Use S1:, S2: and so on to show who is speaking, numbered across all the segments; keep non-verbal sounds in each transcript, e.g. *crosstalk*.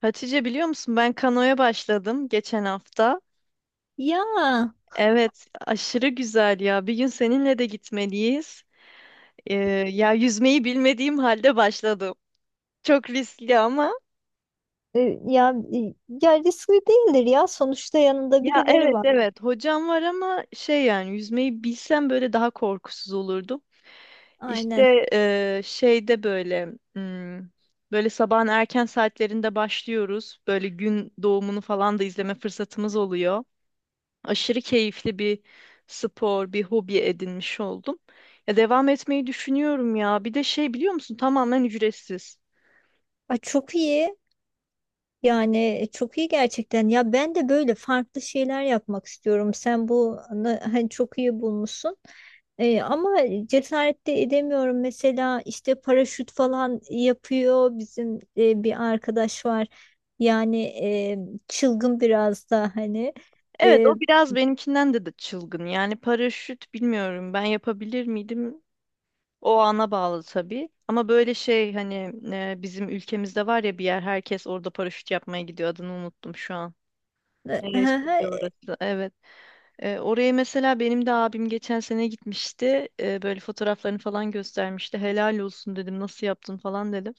S1: Hatice biliyor musun ben kanoya başladım geçen hafta.
S2: Ya
S1: Evet, aşırı güzel ya. Bir gün seninle de gitmeliyiz. Ee, Ya yüzmeyi bilmediğim halde başladım. Çok riskli ama.
S2: e, ya ya riskli değildir, ya sonuçta yanında
S1: Ya
S2: birileri
S1: evet
S2: var.
S1: evet hocam var ama şey yani yüzmeyi bilsem böyle daha korkusuz olurdum.
S2: Aynen.
S1: İşte şeyde böyle hmm, böyle sabahın erken saatlerinde başlıyoruz. Böyle gün doğumunu falan da izleme fırsatımız oluyor. Aşırı keyifli bir spor, bir hobi edinmiş oldum. Ya devam etmeyi düşünüyorum ya. Bir de şey biliyor musun? Tamamen ücretsiz.
S2: Ay, çok iyi. Yani çok iyi gerçekten. Ya ben de böyle farklı şeyler yapmak istiyorum. Sen bu hani çok iyi bulmuşsun. Ama cesaret de edemiyorum. Mesela işte paraşüt falan yapıyor bizim bir arkadaş var. Yani çılgın biraz da hani.
S1: Evet,
S2: E,
S1: o biraz benimkinden de çılgın. Yani paraşüt bilmiyorum. Ben yapabilir miydim? O ana bağlı tabii. Ama böyle şey hani bizim ülkemizde var ya bir yer, herkes orada paraşüt yapmaya gidiyor. Adını unuttum şu an. Neresiydi
S2: *laughs*
S1: orası? Evet. Oraya mesela benim de abim geçen sene gitmişti. Böyle fotoğraflarını falan göstermişti. Helal olsun dedim. Nasıl yaptın falan dedim.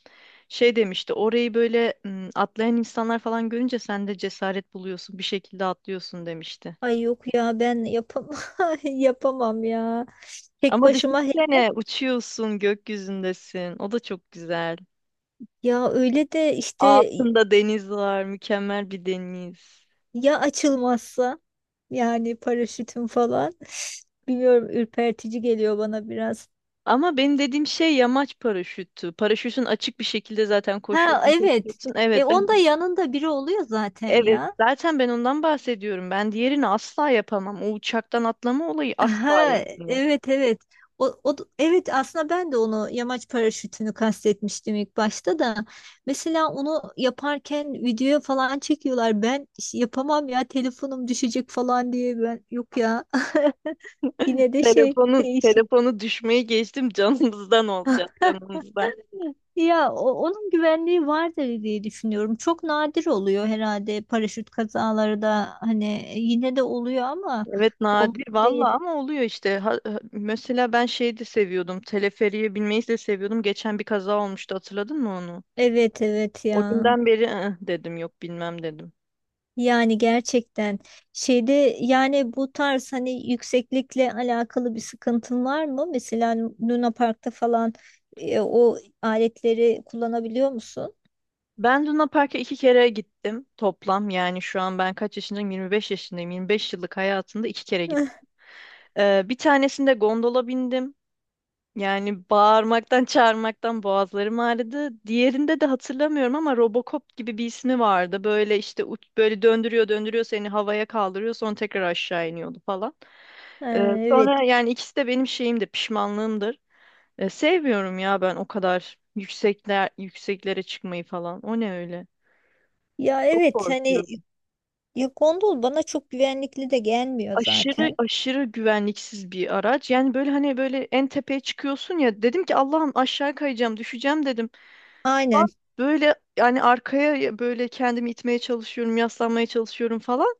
S1: Şey demişti. Orayı böyle atlayan insanlar falan görünce sen de cesaret buluyorsun. Bir şekilde atlıyorsun demişti.
S2: Ay, yok ya ben yapamam, *laughs* yapamam ya. Tek
S1: Ama
S2: başıma
S1: düşünsene, uçuyorsun, gökyüzündesin. O da çok güzel.
S2: ya öyle de işte,
S1: Altında deniz var. Mükemmel bir deniz.
S2: ya açılmazsa yani paraşütüm falan, *sighs* bilmiyorum, ürpertici geliyor bana biraz.
S1: Ama benim dediğim şey yamaç paraşütü. Paraşütün açık bir şekilde zaten
S2: Ha,
S1: koşuyorsun,
S2: evet.
S1: koşuyorsun.
S2: E
S1: Evet, ben.
S2: onda yanında biri oluyor zaten
S1: Evet,
S2: ya.
S1: zaten ben ondan bahsediyorum. Ben diğerini asla yapamam. O uçaktan atlama olayı asla
S2: Ha,
S1: yani.
S2: evet, evet. Evet, aslında ben de onu yamaç paraşütünü kastetmiştim ilk başta da. Mesela onu yaparken videoya falan çekiyorlar. Ben işte yapamam ya, telefonum düşecek falan diye, ben yok ya. *laughs* Yine de şey
S1: Telefonun
S2: değişik.
S1: telefonu düşmeyi geçtim, *laughs* canımızdan olacak
S2: *laughs*
S1: canımızdan.
S2: Ya onun güvenliği vardır diye düşünüyorum. Çok nadir oluyor herhalde paraşüt kazaları da, hani yine de oluyor ama
S1: Evet,
S2: o
S1: nadir
S2: değil.
S1: valla ama oluyor işte. Mesela ben şeyi de seviyordum. Teleferiye binmeyi de seviyordum. Geçen bir kaza olmuştu, hatırladın mı onu?
S2: Evet, evet
S1: O
S2: ya.
S1: günden beri "Ih," dedim, yok bilmem dedim.
S2: Yani gerçekten, şeyde, yani bu tarz, hani yükseklikle alakalı bir sıkıntın var mı? Mesela Luna Park'ta falan o aletleri kullanabiliyor musun?
S1: Ben Luna Park'a iki kere gittim toplam. Yani şu an ben kaç yaşındayım? 25 yaşındayım. 25 yıllık hayatımda iki kere.
S2: *laughs*
S1: Bir tanesinde gondola bindim. Yani bağırmaktan, çağırmaktan boğazlarım ağrıdı. Diğerinde de hatırlamıyorum ama Robocop gibi bir ismi vardı. Böyle işte uç, böyle döndürüyor, döndürüyor, seni havaya kaldırıyor, sonra tekrar aşağı iniyordu falan. Ee,
S2: Ee, Evet.
S1: Sonra yani ikisi de benim şeyimdir, pişmanlığımdır. Sevmiyorum ya ben o kadar yükseklere çıkmayı falan. O ne öyle?
S2: Ya
S1: Çok
S2: evet hani,
S1: korkuyorum.
S2: ya gondol bana çok güvenlikli de gelmiyor
S1: Aşırı
S2: zaten.
S1: aşırı güvenliksiz bir araç. Yani böyle hani böyle en tepeye çıkıyorsun ya, dedim ki Allah'ım aşağı kayacağım, düşeceğim dedim. Falan.
S2: Aynen.
S1: Böyle yani arkaya böyle kendimi itmeye çalışıyorum, yaslanmaya çalışıyorum falan.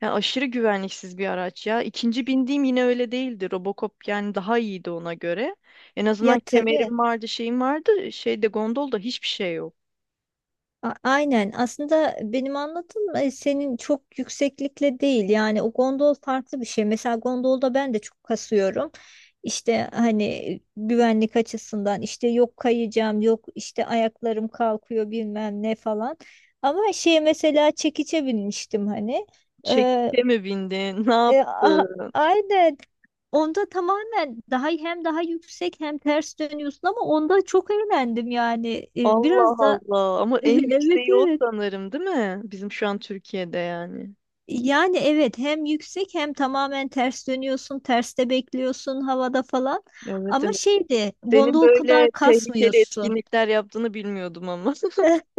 S1: Yani aşırı güvenliksiz bir araç ya. İkinci bindiğim yine öyle değildi. Robocop yani daha iyiydi ona göre. En
S2: Ya,
S1: azından
S2: tabii.
S1: kemerim vardı, şeyim vardı. Şeyde, gondolda hiçbir şey yok.
S2: Aynen. Aslında benim anlattığım senin çok yükseklikle değil. Yani o gondol farklı bir şey. Mesela gondolda ben de çok kasıyorum. İşte hani, güvenlik açısından, işte yok kayacağım, yok işte ayaklarım kalkıyor bilmem ne falan. Ama şey, mesela çekiçe binmiştim hani. Ee,
S1: Çekte mi bindin? *laughs* Ne
S2: e, a-
S1: yaptın?
S2: aynen. Onda tamamen daha, hem daha yüksek hem ters dönüyorsun, ama onda çok eğlendim yani.
S1: Allah
S2: Biraz da
S1: Allah. Ama
S2: *laughs*
S1: en
S2: evet,
S1: yükseği o
S2: evet.
S1: sanırım, değil mi? Bizim şu an Türkiye'de yani.
S2: Yani evet, hem yüksek hem tamamen ters dönüyorsun, terste bekliyorsun havada falan.
S1: Evet
S2: Ama
S1: evet.
S2: şeydi,
S1: Senin
S2: gondol
S1: böyle
S2: kadar
S1: tehlikeli
S2: kasmıyorsun.
S1: etkinlikler yaptığını bilmiyordum ama. *laughs*
S2: *laughs*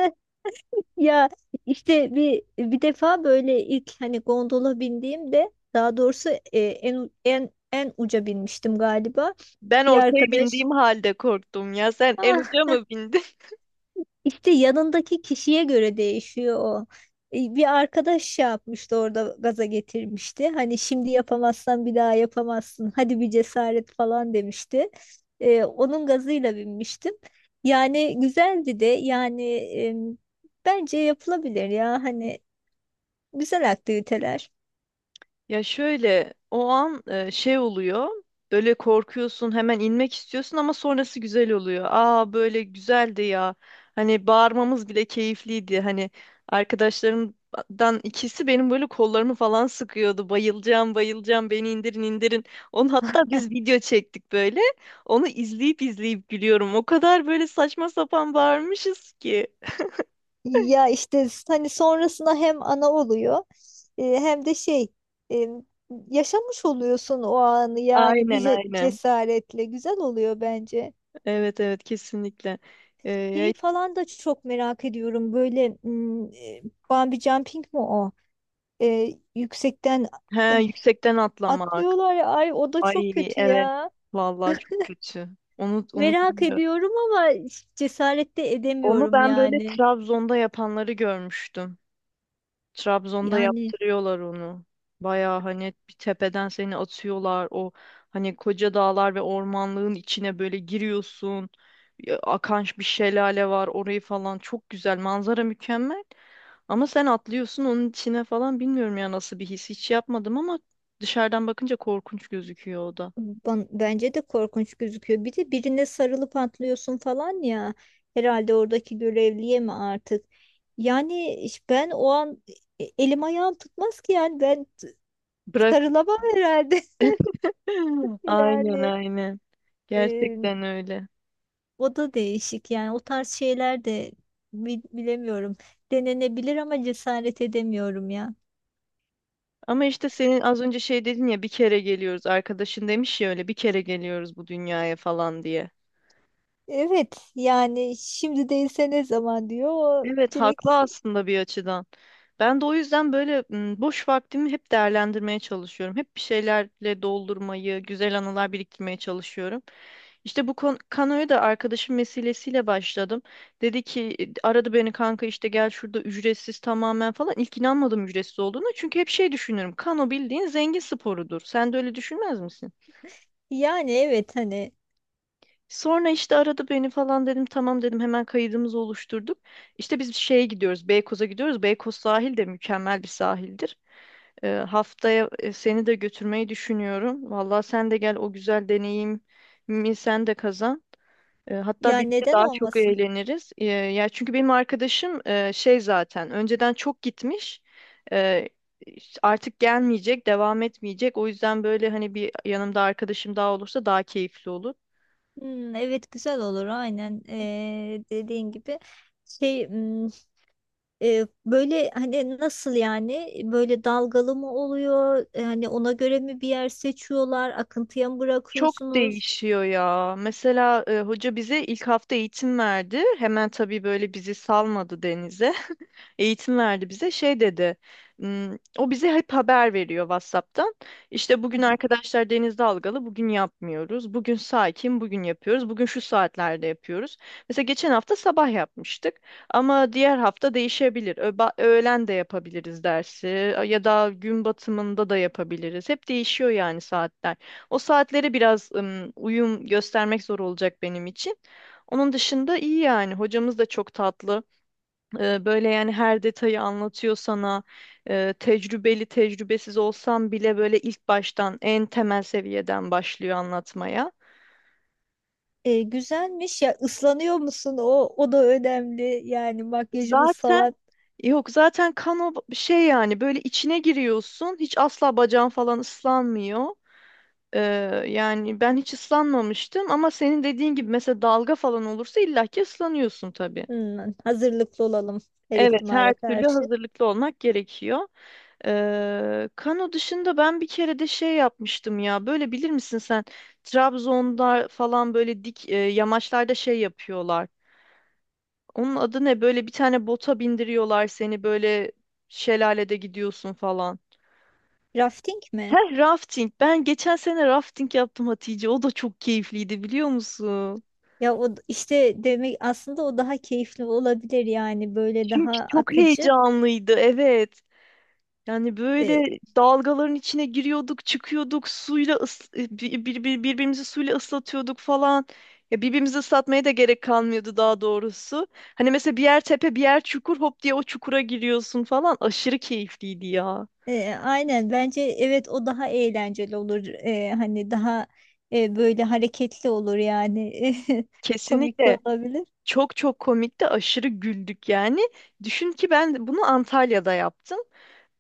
S2: Ya işte bir defa böyle ilk hani gondola bindiğimde, daha doğrusu e, en u- en en uca binmiştim galiba.
S1: Ben
S2: Bir
S1: ortaya
S2: arkadaş
S1: bindiğim halde korktum ya. Sen en
S2: *laughs*
S1: uca mı bindin?
S2: İşte yanındaki kişiye göre değişiyor o. Bir arkadaş şey yapmıştı orada, gaza getirmişti. Hani şimdi yapamazsan bir daha yapamazsın, hadi bir cesaret falan demişti. Onun gazıyla binmiştim. Yani güzeldi de, yani bence yapılabilir ya, hani güzel aktiviteler.
S1: Ya şöyle o an şey oluyor. Böyle korkuyorsun, hemen inmek istiyorsun ama sonrası güzel oluyor. Aa, böyle güzeldi ya. Hani bağırmamız bile keyifliydi. Hani arkadaşlarımdan ikisi benim böyle kollarımı falan sıkıyordu. Bayılacağım, bayılacağım, beni indirin, indirin. Onu hatta biz
S2: *laughs*
S1: video çektik böyle. Onu izleyip izleyip gülüyorum. O kadar böyle saçma sapan bağırmışız ki.
S2: Ya işte hani sonrasında hem ana oluyor, hem de şey, e, yaşamış oluyorsun o anı, yani bir
S1: Aynen aynen.
S2: cesaretle güzel oluyor bence.
S1: Evet evet, kesinlikle. Ee,
S2: Şeyi
S1: ya-
S2: falan da çok merak ediyorum, böyle bungee jumping mi o? E, yüksekten e,
S1: he, yüksekten atlamak.
S2: atlıyorlar ya, ay o da çok
S1: Ay
S2: kötü
S1: evet.
S2: ya.
S1: Vallahi çok kötü. Onu
S2: Merak
S1: bilmiyorum.
S2: ediyorum ama cesaret de
S1: Onu
S2: edemiyorum
S1: ben böyle
S2: yani.
S1: Trabzon'da yapanları görmüştüm. Trabzon'da
S2: Yani.
S1: yaptırıyorlar onu. Baya hani bir tepeden seni atıyorlar. O hani koca dağlar ve ormanlığın içine böyle giriyorsun. Ya, akan bir şelale var, orayı falan. Çok güzel. Manzara mükemmel. Ama sen atlıyorsun onun içine falan. Bilmiyorum ya nasıl bir his. Hiç yapmadım ama dışarıdan bakınca korkunç gözüküyor o da.
S2: Bence de korkunç gözüküyor. Bir de birine sarılıp atlıyorsun falan ya. Herhalde oradaki görevliye mi artık? Yani ben o an elim ayağım tutmaz ki yani, ben
S1: Bırak.
S2: sarılamam herhalde.
S1: *laughs* *laughs*
S2: *laughs*
S1: Aynen
S2: Yani
S1: aynen.
S2: e,
S1: Gerçekten öyle.
S2: o da değişik, yani o tarz şeyler de bilemiyorum. Denenebilir ama cesaret edemiyorum ya.
S1: Ama işte senin az önce şey dedin ya, bir kere geliyoruz, arkadaşın demiş ya, öyle bir kere geliyoruz bu dünyaya falan diye.
S2: Evet yani, şimdi değilse ne zaman, diyor o
S1: Evet,
S2: direkt.
S1: haklı aslında bir açıdan. Ben de o yüzden böyle boş vaktimi hep değerlendirmeye çalışıyorum. Hep bir şeylerle doldurmayı, güzel anılar biriktirmeye çalışıyorum. İşte bu kanoya da arkadaşım vesilesiyle başladım. Dedi ki "E, aradı beni kanka, işte gel, şurada ücretsiz tamamen" falan. İlk inanmadım ücretsiz olduğuna. Çünkü hep şey düşünürüm. Kano bildiğin zengin sporudur. Sen de öyle düşünmez misin?
S2: Yani evet hani,
S1: Sonra işte aradı beni falan, dedim tamam, dedim, hemen kaydımızı oluşturduk. İşte biz şeye gidiyoruz, Beykoz'a gidiyoruz. Beykoz sahil de mükemmel bir sahildir. Haftaya seni de götürmeyi düşünüyorum. Vallahi sen de gel, o güzel deneyimi sen de kazan. Hatta
S2: ya
S1: birlikte
S2: neden
S1: daha çok
S2: olmasın?
S1: eğleniriz. Ya çünkü benim arkadaşım şey zaten önceden çok gitmiş. Ee, Artık gelmeyecek, devam etmeyecek. O yüzden böyle hani bir yanımda arkadaşım daha olursa daha keyifli olur.
S2: Hmm, evet güzel olur, aynen. Dediğin gibi şey, böyle, hani nasıl yani, böyle dalgalı mı oluyor yani, ona göre mi bir yer seçiyorlar, akıntıya mı
S1: Çok
S2: bırakıyorsunuz?
S1: değişiyor ya. Mesela hoca bize ilk hafta eğitim verdi. Hemen tabii böyle bizi salmadı denize. Eğitim verdi bize. Şey dedi. "Hmm." O bize hep haber veriyor WhatsApp'tan. İşte bugün arkadaşlar deniz dalgalı, bugün yapmıyoruz. Bugün sakin, bugün yapıyoruz. Bugün şu saatlerde yapıyoruz. Mesela geçen hafta sabah yapmıştık ama diğer hafta değişebilir. Öğlen de yapabiliriz dersi, ya da gün batımında da yapabiliriz. Hep değişiyor yani saatler. O saatlere biraz uyum göstermek zor olacak benim için. Onun dışında iyi yani. Hocamız da çok tatlı. Böyle yani her detayı anlatıyor sana. Tecrübeli tecrübesiz olsam bile böyle ilk baştan en temel seviyeden başlıyor anlatmaya.
S2: Güzelmiş ya, ıslanıyor musun, o da önemli yani, makyajımız
S1: Zaten
S2: falan.
S1: yok, zaten kano şey yani böyle içine giriyorsun. Hiç asla bacağın falan ıslanmıyor. E, Yani ben hiç ıslanmamıştım ama senin dediğin gibi mesela dalga falan olursa illaki ıslanıyorsun tabii.
S2: Hmm, hazırlıklı olalım, her
S1: Evet,
S2: ihtimale
S1: her türlü
S2: karşı.
S1: hazırlıklı olmak gerekiyor. Kano dışında ben bir kere de şey yapmıştım ya. Böyle bilir misin sen? Trabzon'da falan böyle dik yamaçlarda şey yapıyorlar. Onun adı ne? Böyle bir tane bota bindiriyorlar seni, böyle şelalede gidiyorsun falan.
S2: Rafting mi?
S1: Heh, rafting. Ben geçen sene rafting yaptım Hatice. O da çok keyifliydi, biliyor musun?
S2: Ya o işte demek, aslında o daha keyifli olabilir yani, böyle daha
S1: Çünkü çok
S2: akıcı.
S1: heyecanlıydı. Evet. Yani böyle dalgaların içine giriyorduk, çıkıyorduk, suyla birbirimizi suyla ıslatıyorduk falan. Ya birbirimizi ıslatmaya da gerek kalmıyordu daha doğrusu. Hani mesela bir yer tepe, bir yer çukur, hop diye o çukura giriyorsun falan. Aşırı keyifliydi ya.
S2: Aynen bence, evet o daha eğlenceli olur. Hani daha böyle hareketli olur yani. *laughs* Komik de
S1: Kesinlikle.
S2: olabilir.
S1: Çok çok komikti, aşırı güldük yani. Düşün ki ben bunu Antalya'da yaptım.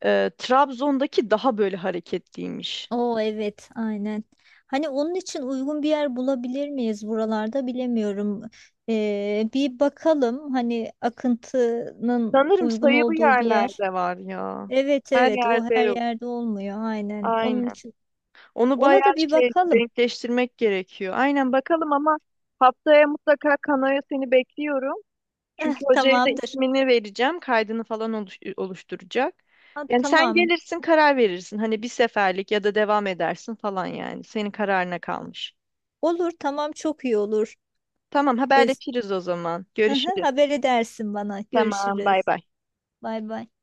S1: Trabzon'daki daha böyle hareketliymiş.
S2: Oo evet, aynen. Hani onun için uygun bir yer bulabilir miyiz buralarda bilemiyorum. Bir bakalım, hani akıntının
S1: Sanırım
S2: uygun
S1: sayılı
S2: olduğu bir yer.
S1: yerlerde var ya.
S2: Evet,
S1: Her
S2: evet o
S1: yerde
S2: her
S1: yok.
S2: yerde olmuyor, aynen. Onun
S1: Aynen.
S2: için
S1: Onu bayağı
S2: ona da bir
S1: şey
S2: bakalım. *laughs*
S1: denkleştirmek gerekiyor. Aynen, bakalım ama haftaya mutlaka kanoya seni bekliyorum.
S2: Eh,
S1: Çünkü hocaya da
S2: tamamdır.
S1: ismini vereceğim. Kaydını falan oluşturacak.
S2: Ha,
S1: Yani sen
S2: tamam.
S1: gelirsin, karar verirsin. Hani bir seferlik ya da devam edersin falan yani. Senin kararına kalmış.
S2: Olur, tamam çok iyi olur.
S1: Tamam,
S2: E,
S1: haberleşiriz o zaman.
S2: Hı hı,
S1: Görüşürüz.
S2: haber edersin bana.
S1: Tamam,
S2: Görüşürüz.
S1: bay bay.
S2: Bay bay.